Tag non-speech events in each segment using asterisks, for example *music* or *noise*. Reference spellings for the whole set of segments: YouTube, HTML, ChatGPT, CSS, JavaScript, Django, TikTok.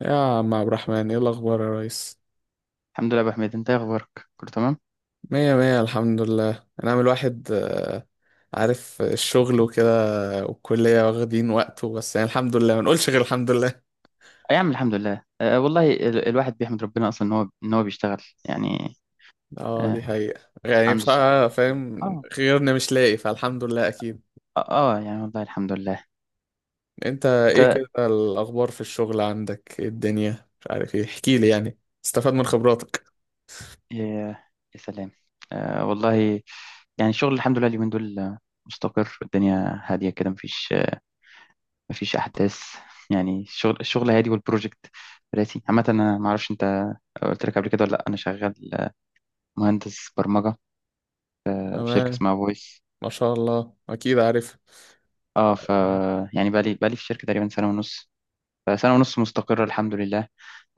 يا عم عبد الرحمن ايه الاخبار يا ريس؟ الحمد لله يا ابو حميد، انت ايه اخبارك؟ كله تمام. مية مية الحمد لله. انا عامل واحد عارف الشغل وكده، والكلية واخدين وقته، بس يعني الحمد لله، ما نقولش غير الحمد لله. يا عم الحمد لله. والله الواحد بيحمد ربنا اصلا ان هو بيشتغل يعني. اه دي أه، حقيقة، يعني عنده الصحه. بصراحة فاهم، اه. غيرنا مش لاقي، فالحمد لله اكيد. اه. يعني والله الحمد لله. انت ايه انت. كده الاخبار في الشغل؟ عندك ايه الدنيا؟ مش عارف ايه، احكيلي يعني استفاد من خبراتك. يا. يا سلام. أه والله، يعني الشغل الحمد لله اليومين دول مستقر. الدنيا هاديه كده، مفيش مفيش احداث. يعني الشغل هادي، والبروجكت راسي عامه. انا ما اعرفش انت قلت لك قبل كده ولا لا. انا شغال مهندس برمجه في شركه تمام، اسمها فويس. ما شاء الله، اكيد عارف اه ف، يعني بقالي في الشركة تقريبا سنة ونص. فسنة ونص مستقرة الحمد لله.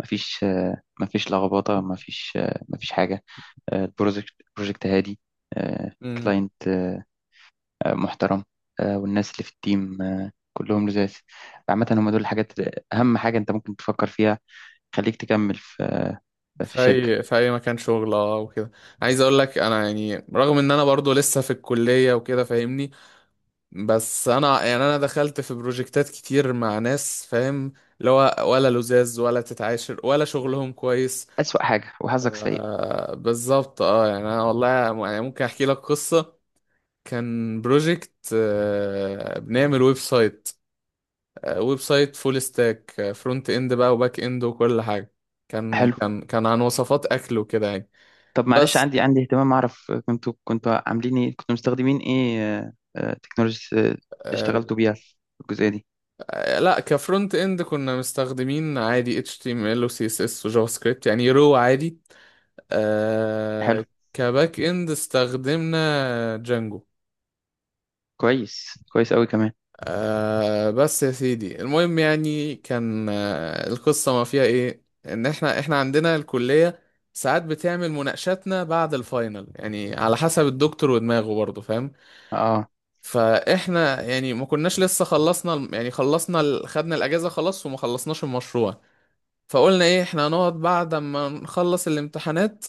مفيش، لخبطة، مفيش حاجة. البروجكت بروجكت هادي، آه، كلاينت محترم، والناس اللي في التيم كلهم لزاز. عامة هم دول الحاجات أهم حاجة أنت ممكن تفكر فيها. خليك تكمل في في في الشركة. اي في اي مكان شغل اه وكده. عايز اقول لك انا يعني رغم ان انا برضو لسه في الكليه وكده، فاهمني؟ بس انا يعني انا دخلت في بروجكتات كتير مع ناس، فاهم، اللي هو ولا لزاز ولا تتعاشر ولا شغلهم كويس. أسوأ حاجة وحظك سيء. آه بالظبط، اه يعني انا والله يعني ممكن احكي لك قصه. كان بروجكت آه بنعمل ويب سايت، آه ويب سايت فول ستاك، آه فرونت اند بقى وباك اند وكل حاجه. كان حلو. كان كان عن وصفات اكل وكده يعني. طب معلش، بس عندي اهتمام أعرف كنتوا عاملين إيه، كنتوا مستخدمين إيه؟ تكنولوجيا اللي آه، اشتغلتوا بيها في الجزئية دي. لا، كفرونت اند كنا مستخدمين عادي HTML و CSS و جافا سكريبت يعني رو عادي. حلو. آه، كباك اند استخدمنا جانجو. كويس، كويس قوي كمان. آه بس يا سيدي المهم، يعني كان آه القصة ما فيها ايه، ان احنا عندنا الكلية ساعات بتعمل مناقشاتنا بعد الفاينل، يعني على حسب الدكتور ودماغه برضه، فاهم؟ اه فاحنا يعني ما كناش لسه خلصنا، يعني خلصنا ال- خدنا الاجازة خلاص وما خلصناش المشروع. فقلنا ايه، احنا هنقعد بعد ما نخلص الامتحانات،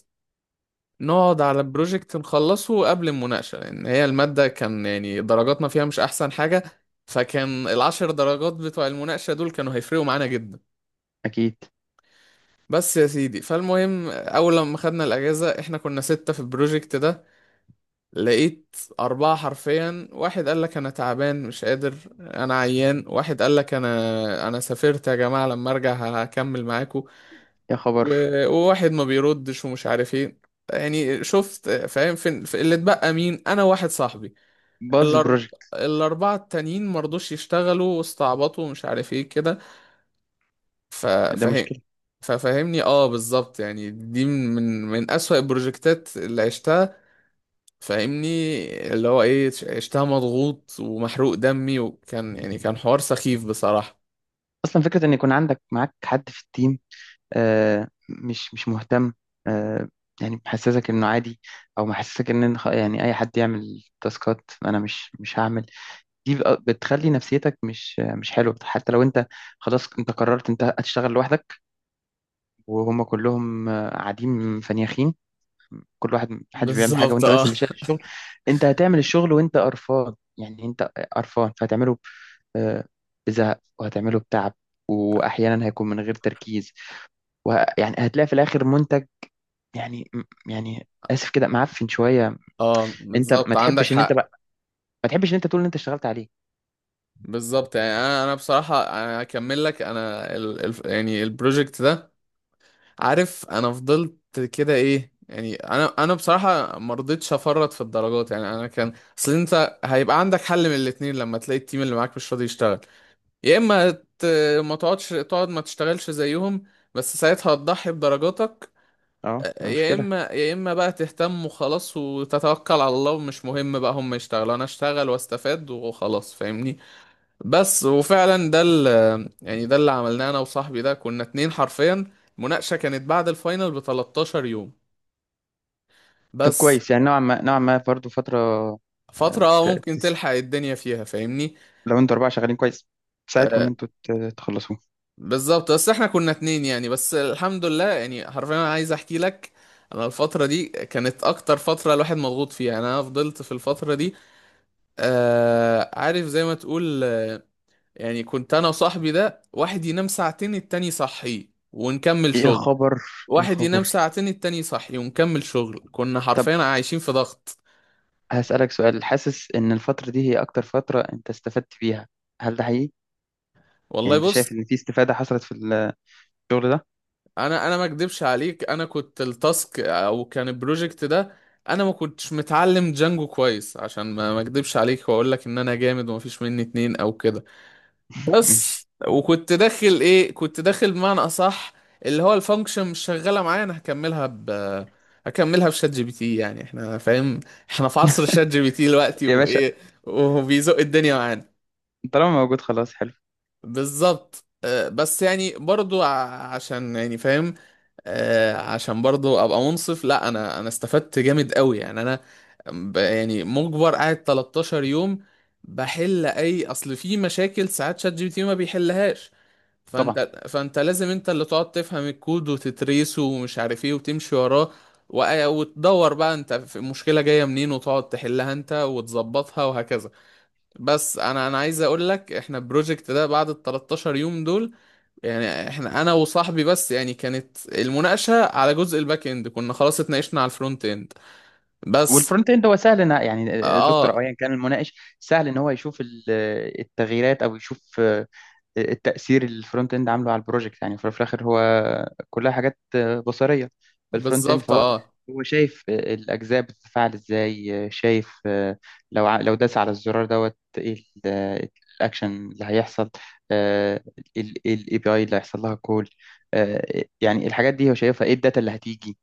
نقعد على بروجكت نخلصه قبل المناقشة، لأن هي المادة كان يعني درجاتنا فيها مش أحسن حاجة. فكان العشر درجات بتوع المناقشة دول كانوا هيفرقوا معانا جدا. اكيد. بس يا سيدي فالمهم، أول لما خدنا الأجازة احنا كنا ستة في البروجكت ده. لقيت أربعة حرفيا، واحد قال لك أنا تعبان مش قادر، أنا عيان، واحد قال لك أنا سافرت يا جماعة، لما أرجع هكمل معاكم، يا خبر. و- وواحد ما بيردش ومش عارف ايه. يعني شفت، فاهم، فين في اللي اتبقى؟ مين؟ انا واحد صاحبي. باظ الأرب... البروجكت. الاربعه التانيين ما رضوش يشتغلوا، واستعبطوا ومش عارف ايه كده. ف... ده فاهم؟ مشكله. ففهمني، اه بالظبط يعني دي من من اسوأ البروجكتات اللي عشتها، فاهمني؟ اللي هو ايه، عشتها مضغوط ومحروق دمي، وكان يعني كان حوار سخيف بصراحة. اصلا فكره ان يكون عندك معاك حد في التيم آه مش مهتم، آه يعني محسسك انه عادي، او محسسك ان يعني اي حد يعمل تاسكات انا مش هعمل. دي بقى بتخلي نفسيتك مش مش حلوه. حتى لو انت خلاص انت قررت انت هتشتغل لوحدك، وهم كلهم قاعدين فنيخين، كل واحد محدش بيعمل حاجه بالظبط وانت بس اه. اللي شايل الشغل. انت هتعمل الشغل وانت قرفان. يعني انت قرفان فهتعمله آه، بزهق، وهتعمله بتعب، واحيانا هيكون من غير تركيز. ويعني هتلاقي في الاخر منتج يعني، يعني اسف كده، معفن شويه. *laughs* اه انت ما بالظبط عندك تحبش ان انت حق. بقى ما تحبش ان انت تقول ان انت اشتغلت عليه. بالظبط، يعني انا بصراحه انا هكمل لك، انا ال ال يعني البروجكت ده، عارف انا فضلت كده ايه، يعني انا بصراحه ما رضيتش افرط في الدرجات، يعني انا كان، اصل انت هيبقى عندك حل من الاتنين لما تلاقي التيم اللي معاك مش راضي يشتغل. يا اما ت- ما تقعدش، تقعد ما تشتغلش زيهم، بس ساعتها هتضحي بدرجاتك. اه يا مشكله. اما يا اما بقى تهتم وخلاص، وتتوكل على الله، ومش مهم بقى هم يشتغلوا، انا اشتغل واستفاد وخلاص، فاهمني؟ بس وفعلا ده ال- يعني ده اللي عملناه انا وصاحبي ده، كنا اتنين حرفيا. المناقشة كانت بعد الفاينل ب 13 يوم طب بس. كويس، يعني نوعا ما، نوعا ما برضه فتره. آه، فترة اه ت- ممكن تس- تلحق الدنيا فيها، فاهمني؟ لو انتوا اربعه شغالين كويس تساعدكم ان آه تخلصوه. بالظبط، بس احنا كنا اتنين يعني، بس الحمد لله، يعني حرفيا انا عايز احكي لك، انا الفترة دي كانت اكتر فترة الواحد مضغوط فيها، يعني انا فضلت في الفترة دي آه، عارف زي ما تقول يعني كنت انا وصاحبي ده، واحد ينام ساعتين التاني يصحيه ونكمل يا شغل، خبر. يا واحد ينام خبر. ساعتين التاني يصحي ونكمل شغل. كنا حرفيا عايشين في ضغط. هسألك سؤال، حاسس إن الفترة دي هي أكتر فترة أنت استفدت فيها؟ هل ده حقيقي؟ يعني والله أنت شايف بص، إن في استفادة حصلت في الشغل ده؟ انا ما اكدبش عليك، انا كنت التاسك او كان البروجكت ده، انا ما كنتش متعلم جانجو كويس، عشان ما اكدبش عليك واقول لك ان انا جامد وما فيش مني اتنين او كده. ماشي. بس وكنت داخل ايه، كنت داخل بمعنى اصح اللي هو الفانكشن مش شغاله معايا، انا هكملها بشات جي بي تي، يعني احنا فاهم، احنا في عصر شات جي بي تي دلوقتي يا باشا. وايه، وبيزق الدنيا معانا. طالما موجود خلاص حلو. بالظبط آه، بس يعني برضو عشان يعني فاهم، عشان برضو ابقى منصف، لا انا استفدت جامد قوي، يعني انا يعني مجبر قاعد 13 يوم بحل اي، اصل في مشاكل ساعات شات جي بي تي ما بيحلهاش، طبعا. فانت لازم انت اللي تقعد تفهم الكود وتتريسه ومش عارف ايه وتمشي وراه، وتدور بقى انت في المشكلة جاية منين، وتقعد تحلها انت وتظبطها وهكذا. بس انا عايز اقول لك، احنا البروجكت ده بعد ال 13 يوم دول يعني احنا انا وصاحبي بس، يعني كانت المناقشه على جزء الباك اند، كنا خلاص اتناقشنا على الفرونت اند بس. والفرونت اند هو سهل إن يعني دكتور اه أو أيا كان المناقش سهل إن هو يشوف التغييرات، أو يشوف التأثير اللي الفرونت اند عامله على البروجكت. يعني في الآخر هو كلها حاجات بصرية في الفرونت اند، بالظبط. فهو اه هو شايف الأجزاء بتتفاعل إزاي، شايف لو لو داس على الزرار دوت إيه الأكشن اللي هيحصل، الاي بي اي اللي هيحصل لها كول. يعني الحاجات دي هو شايفها، ايه الداتا اللي هتيجي.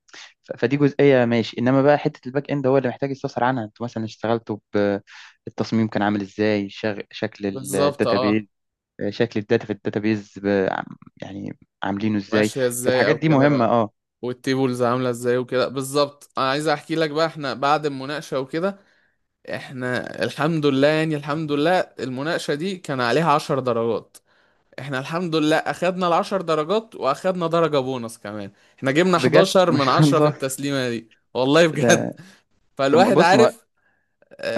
فدي جزئية ماشي. انما بقى حتة الباك اند هو اللي محتاج يستفسر عنها. انتوا مثلا اشتغلتوا بالتصميم كان عامل ازاي، شكل بالظبط الداتابيز، اه. شكل الداتا في الداتابيز، يعني عاملينه ازاي. ماشيه ازاي فالحاجات او دي مهمه كده. اه. والتيبلز عامله ازاي وكده، بالظبط انا عايز احكي لك بقى، احنا بعد المناقشه وكده، احنا الحمد لله يعني، الحمد لله المناقشه دي كان عليها 10 درجات، احنا الحمد لله اخدنا العشر درجات واخدنا درجة بونص كمان، احنا جبنا بجد *laughs* 11 ما من شاء 10 في الله. التسليمة دي. والله ده. بجد. *laughs* طب فالواحد بص ما عارف.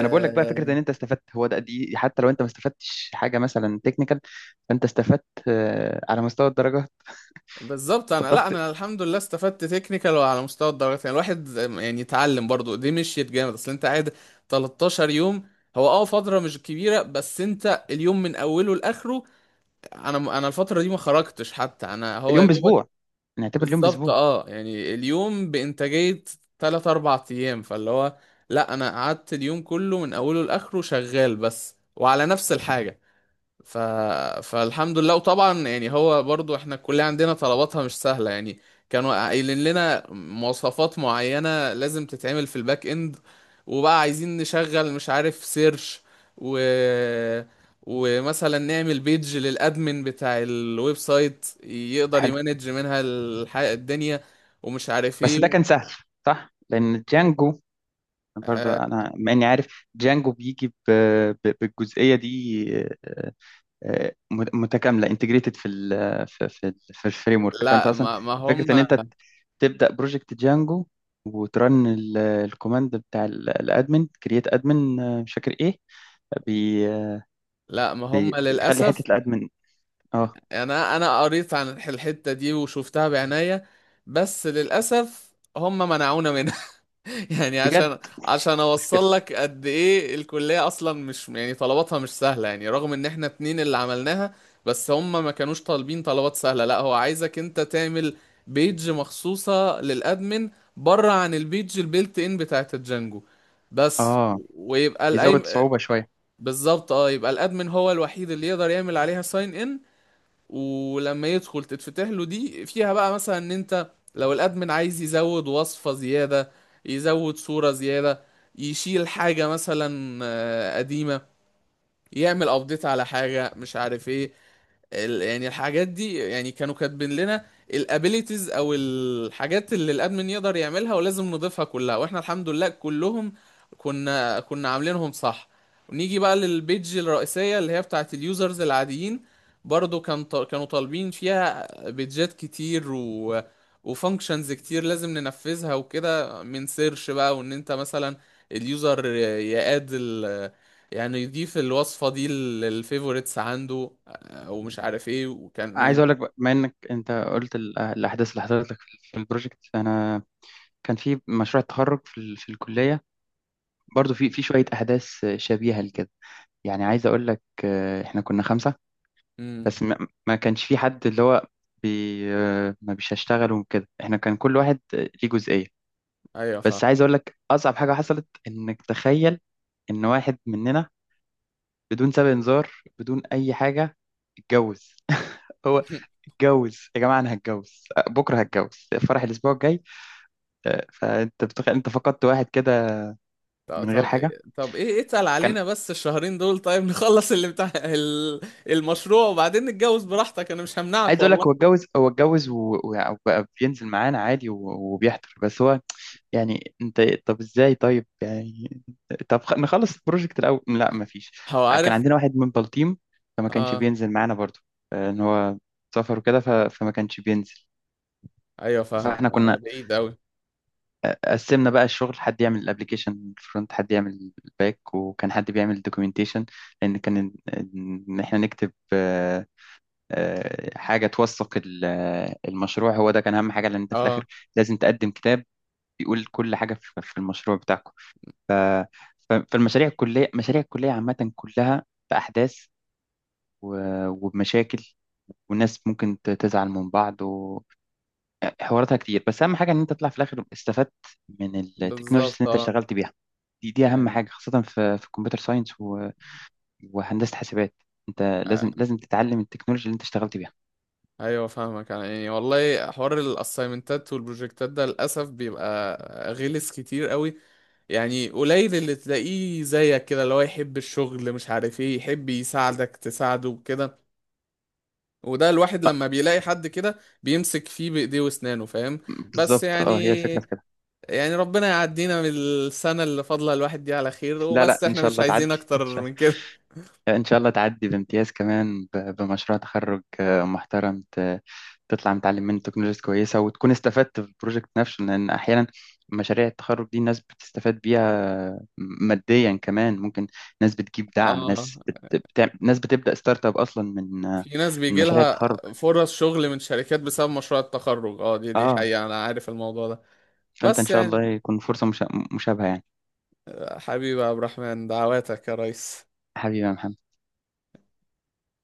انا بقول لك بقى، فكره ان انت استفدت هو ده. دي حتى لو انت ما استفدتش حاجه مثلا تكنيكال، فانت استفدت على مستوى الدرجه. بالظبط، انا لا الضغط. انا الحمد لله استفدت تكنيكال وعلى مستوى الدرجات، يعني الواحد يعني اتعلم برضو، دي مشيت جامد، اصل انت قاعد 13 يوم. هو اه فترة مش كبيرة، بس انت اليوم من اوله لاخره، انا الفترة دي ما خرجتش حتى، انا هو يا اليوم باسبوع، دوبك. نعتبر اليوم بالظبط باسبوع. اه، يعني اليوم بإنتاجية تلات أربع أيام، فاللي هو، لأ أنا قعدت اليوم كله من أوله لآخره شغال بس وعلى نفس الحاجة. ف... فالحمد لله. وطبعا يعني هو برضو احنا الكلية عندنا طلباتها مش سهلة يعني، كانوا قايلين لنا مواصفات معينة لازم تتعمل في الباك اند، وبقى عايزين نشغل مش عارف سيرش، و... ومثلا نعمل بيج للادمن بتاع الويب سايت يقدر حلو. يمانج منها الدنيا، ومش عارف بس ده كان ايه. سهل صح لان جانجو برضه، آه انا مع اني عارف جانجو بيجي بالجزئيه دي آه، متكامله، انتجريتد في في الفريم ورك. فانت لا اصلا ما هم، فكره ان انت تبدا بروجكت جانجو وترن الكوماند بتاع الادمن، كرييت ادمن، مش فاكر ايه، بي آه، لا ما هم بيخلي حته للأسف، الادمن. اه. يعني انا قريت عن الحتة دي وشفتها بعناية، بس للأسف هم منعونا منها. *laughs* يعني بجد. عشان اوصل لك قد ايه الكلية اصلا مش يعني طلباتها مش سهلة، يعني رغم ان احنا اتنين اللي عملناها، بس هم ما كانوش طالبين طلبات سهلة، لا هو عايزك انت تعمل بيج مخصوصة للادمن، بره عن البيج البيلت ان بتاعت الجانجو بس. اه ويبقى الايم، بيزود صعوبة شوية. بالظبط اه، يبقى الادمن هو الوحيد اللي يقدر يعمل عليها ساين ان، ولما يدخل تتفتح له دي فيها بقى مثلا ان انت لو الادمن عايز يزود وصفة زيادة، يزود صورة زيادة، يشيل حاجة مثلا قديمة، يعمل ابديت على حاجة مش عارف ايه، يعني الحاجات دي يعني كانوا كاتبين لنا الابيليتيز او الحاجات اللي الادمن يقدر يعملها ولازم نضيفها كلها، واحنا الحمد لله كلهم كنا عاملينهم صح. ونيجي بقى للبيج الرئيسية اللي هي بتاعت اليوزرز العاديين، برضو كان كانوا طالبين فيها بيجات كتير وفانكشنز كتير لازم ننفذها وكده، من سيرش بقى، وان انت مثلا اليوزر يقاد يعني يضيف الوصفة دي للفيفوريتس عنده، ومش عارف ايه وكان عايز ايه. اقول لك بقى، بما انك انت قلت الاحداث اللي حصلت لك في في البروجكت، انا كان في مشروع التخرج في في الكلية برضو في في شوية احداث شبيهة لكده. يعني عايز اقول لك احنا كنا خمسة. امم، بس ما كانش في حد اللي هو بي آه، ما بيش هشتغل وكده. احنا كان كل واحد ليه جزئية. ايوه فاهم. بس عايز اقول لك اصعب حاجة حصلت، انك تخيل ان واحد مننا بدون سابق انذار، بدون اي حاجة، اتجوز. *laughs* هو *laughs* اتجوز يا جماعة، انا هتجوز بكرة هتجوز، فرح الاسبوع الجاي. فانت بتخيل انت فقدت واحد كده طب من غير طب حاجة. إيه طب ايه اتقل كان علينا بس الشهرين دول طيب. *laughs* نخلص اللي بتاع المشروع وبعدين نتجوز براحتك، انا مش عايز همنعك اقول لك، هو والله. اتجوز، هو اتجوز وبقى بينزل معانا عادي، وبيحضر. بس هو يعني انت طب ازاي طيب، يعني طب نخلص البروجكت الاول. لا مفيش، هو كان عارف. عندنا واحد من بلطيم فما كانش اه. بينزل معانا برضو، ان هو سافر وكده، فما كانش بينزل. ايوه فاهمك فاحنا آه، كنا بعيد اوي. قسمنا بقى الشغل، حد يعمل الابليكيشن فرونت، حد يعمل الباك، وكان حد بيعمل الدوكيومنتيشن، لان كان ان إن احنا نكتب حاجة توثق المشروع. هو ده كان أهم حاجة، لأن أنت في اه الآخر لازم تقدم كتاب بيقول كل حاجة في في المشروع بتاعكم. فالمشاريع الكلية، مشاريع الكلية عامة كلها بأحداث وبمشاكل، والناس ممكن تزعل من بعض، وحواراتها كتير. بس أهم حاجة إن أنت تطلع في الآخر استفدت من التكنولوجيز بالظبط اللي أنت اه، اشتغلت بيها. دي دي أهم يعني حاجة، خاصة في في الكمبيوتر ساينس و- وهندسة حاسبات. أنت آه. لازم تتعلم التكنولوجيا اللي أنت اشتغلت بيها. ايوه فاهمك يعني والله حوار الاسايمنتات والبروجكتات ده للاسف بيبقى غلس كتير قوي، يعني قليل اللي تلاقيه زيك كده اللي هو يحب الشغل مش عارف ايه، يحب يساعدك تساعده وكده. وده الواحد لما بيلاقي حد كده بيمسك فيه بإيديه وأسنانه، فاهم؟ بس بالظبط اه، هي الفكرة في يعني، كده. يعني ربنا يعدينا من السنة اللي فاضلة الواحد دي على خير لا لا وبس، ان احنا شاء مش الله عايزين تعدي، أكتر ان شاء من كده. الله، ان شاء الله تعدي بامتياز كمان، بمشروع تخرج محترم، تطلع متعلم منه تكنولوجيز كويسه، وتكون استفدت في البروجكت نفسه. لان احيانا مشاريع التخرج دي الناس بتستفاد بيها ماديا كمان، ممكن ناس بتجيب دعم، اه ناس ناس بتبدا ستارت اب اصلا من في ناس من بيجي مشاريع لها التخرج. فرص شغل من شركات بسبب مشروع التخرج، اه دي دي اه حقيقة، أنا عارف الموضوع ده. فانت ان بس شاء يعني الله يكون فرصه مشابهه يعني. حبيبي يا عبد الرحمن دعواتك يا ريس. حبيبي يا محمد.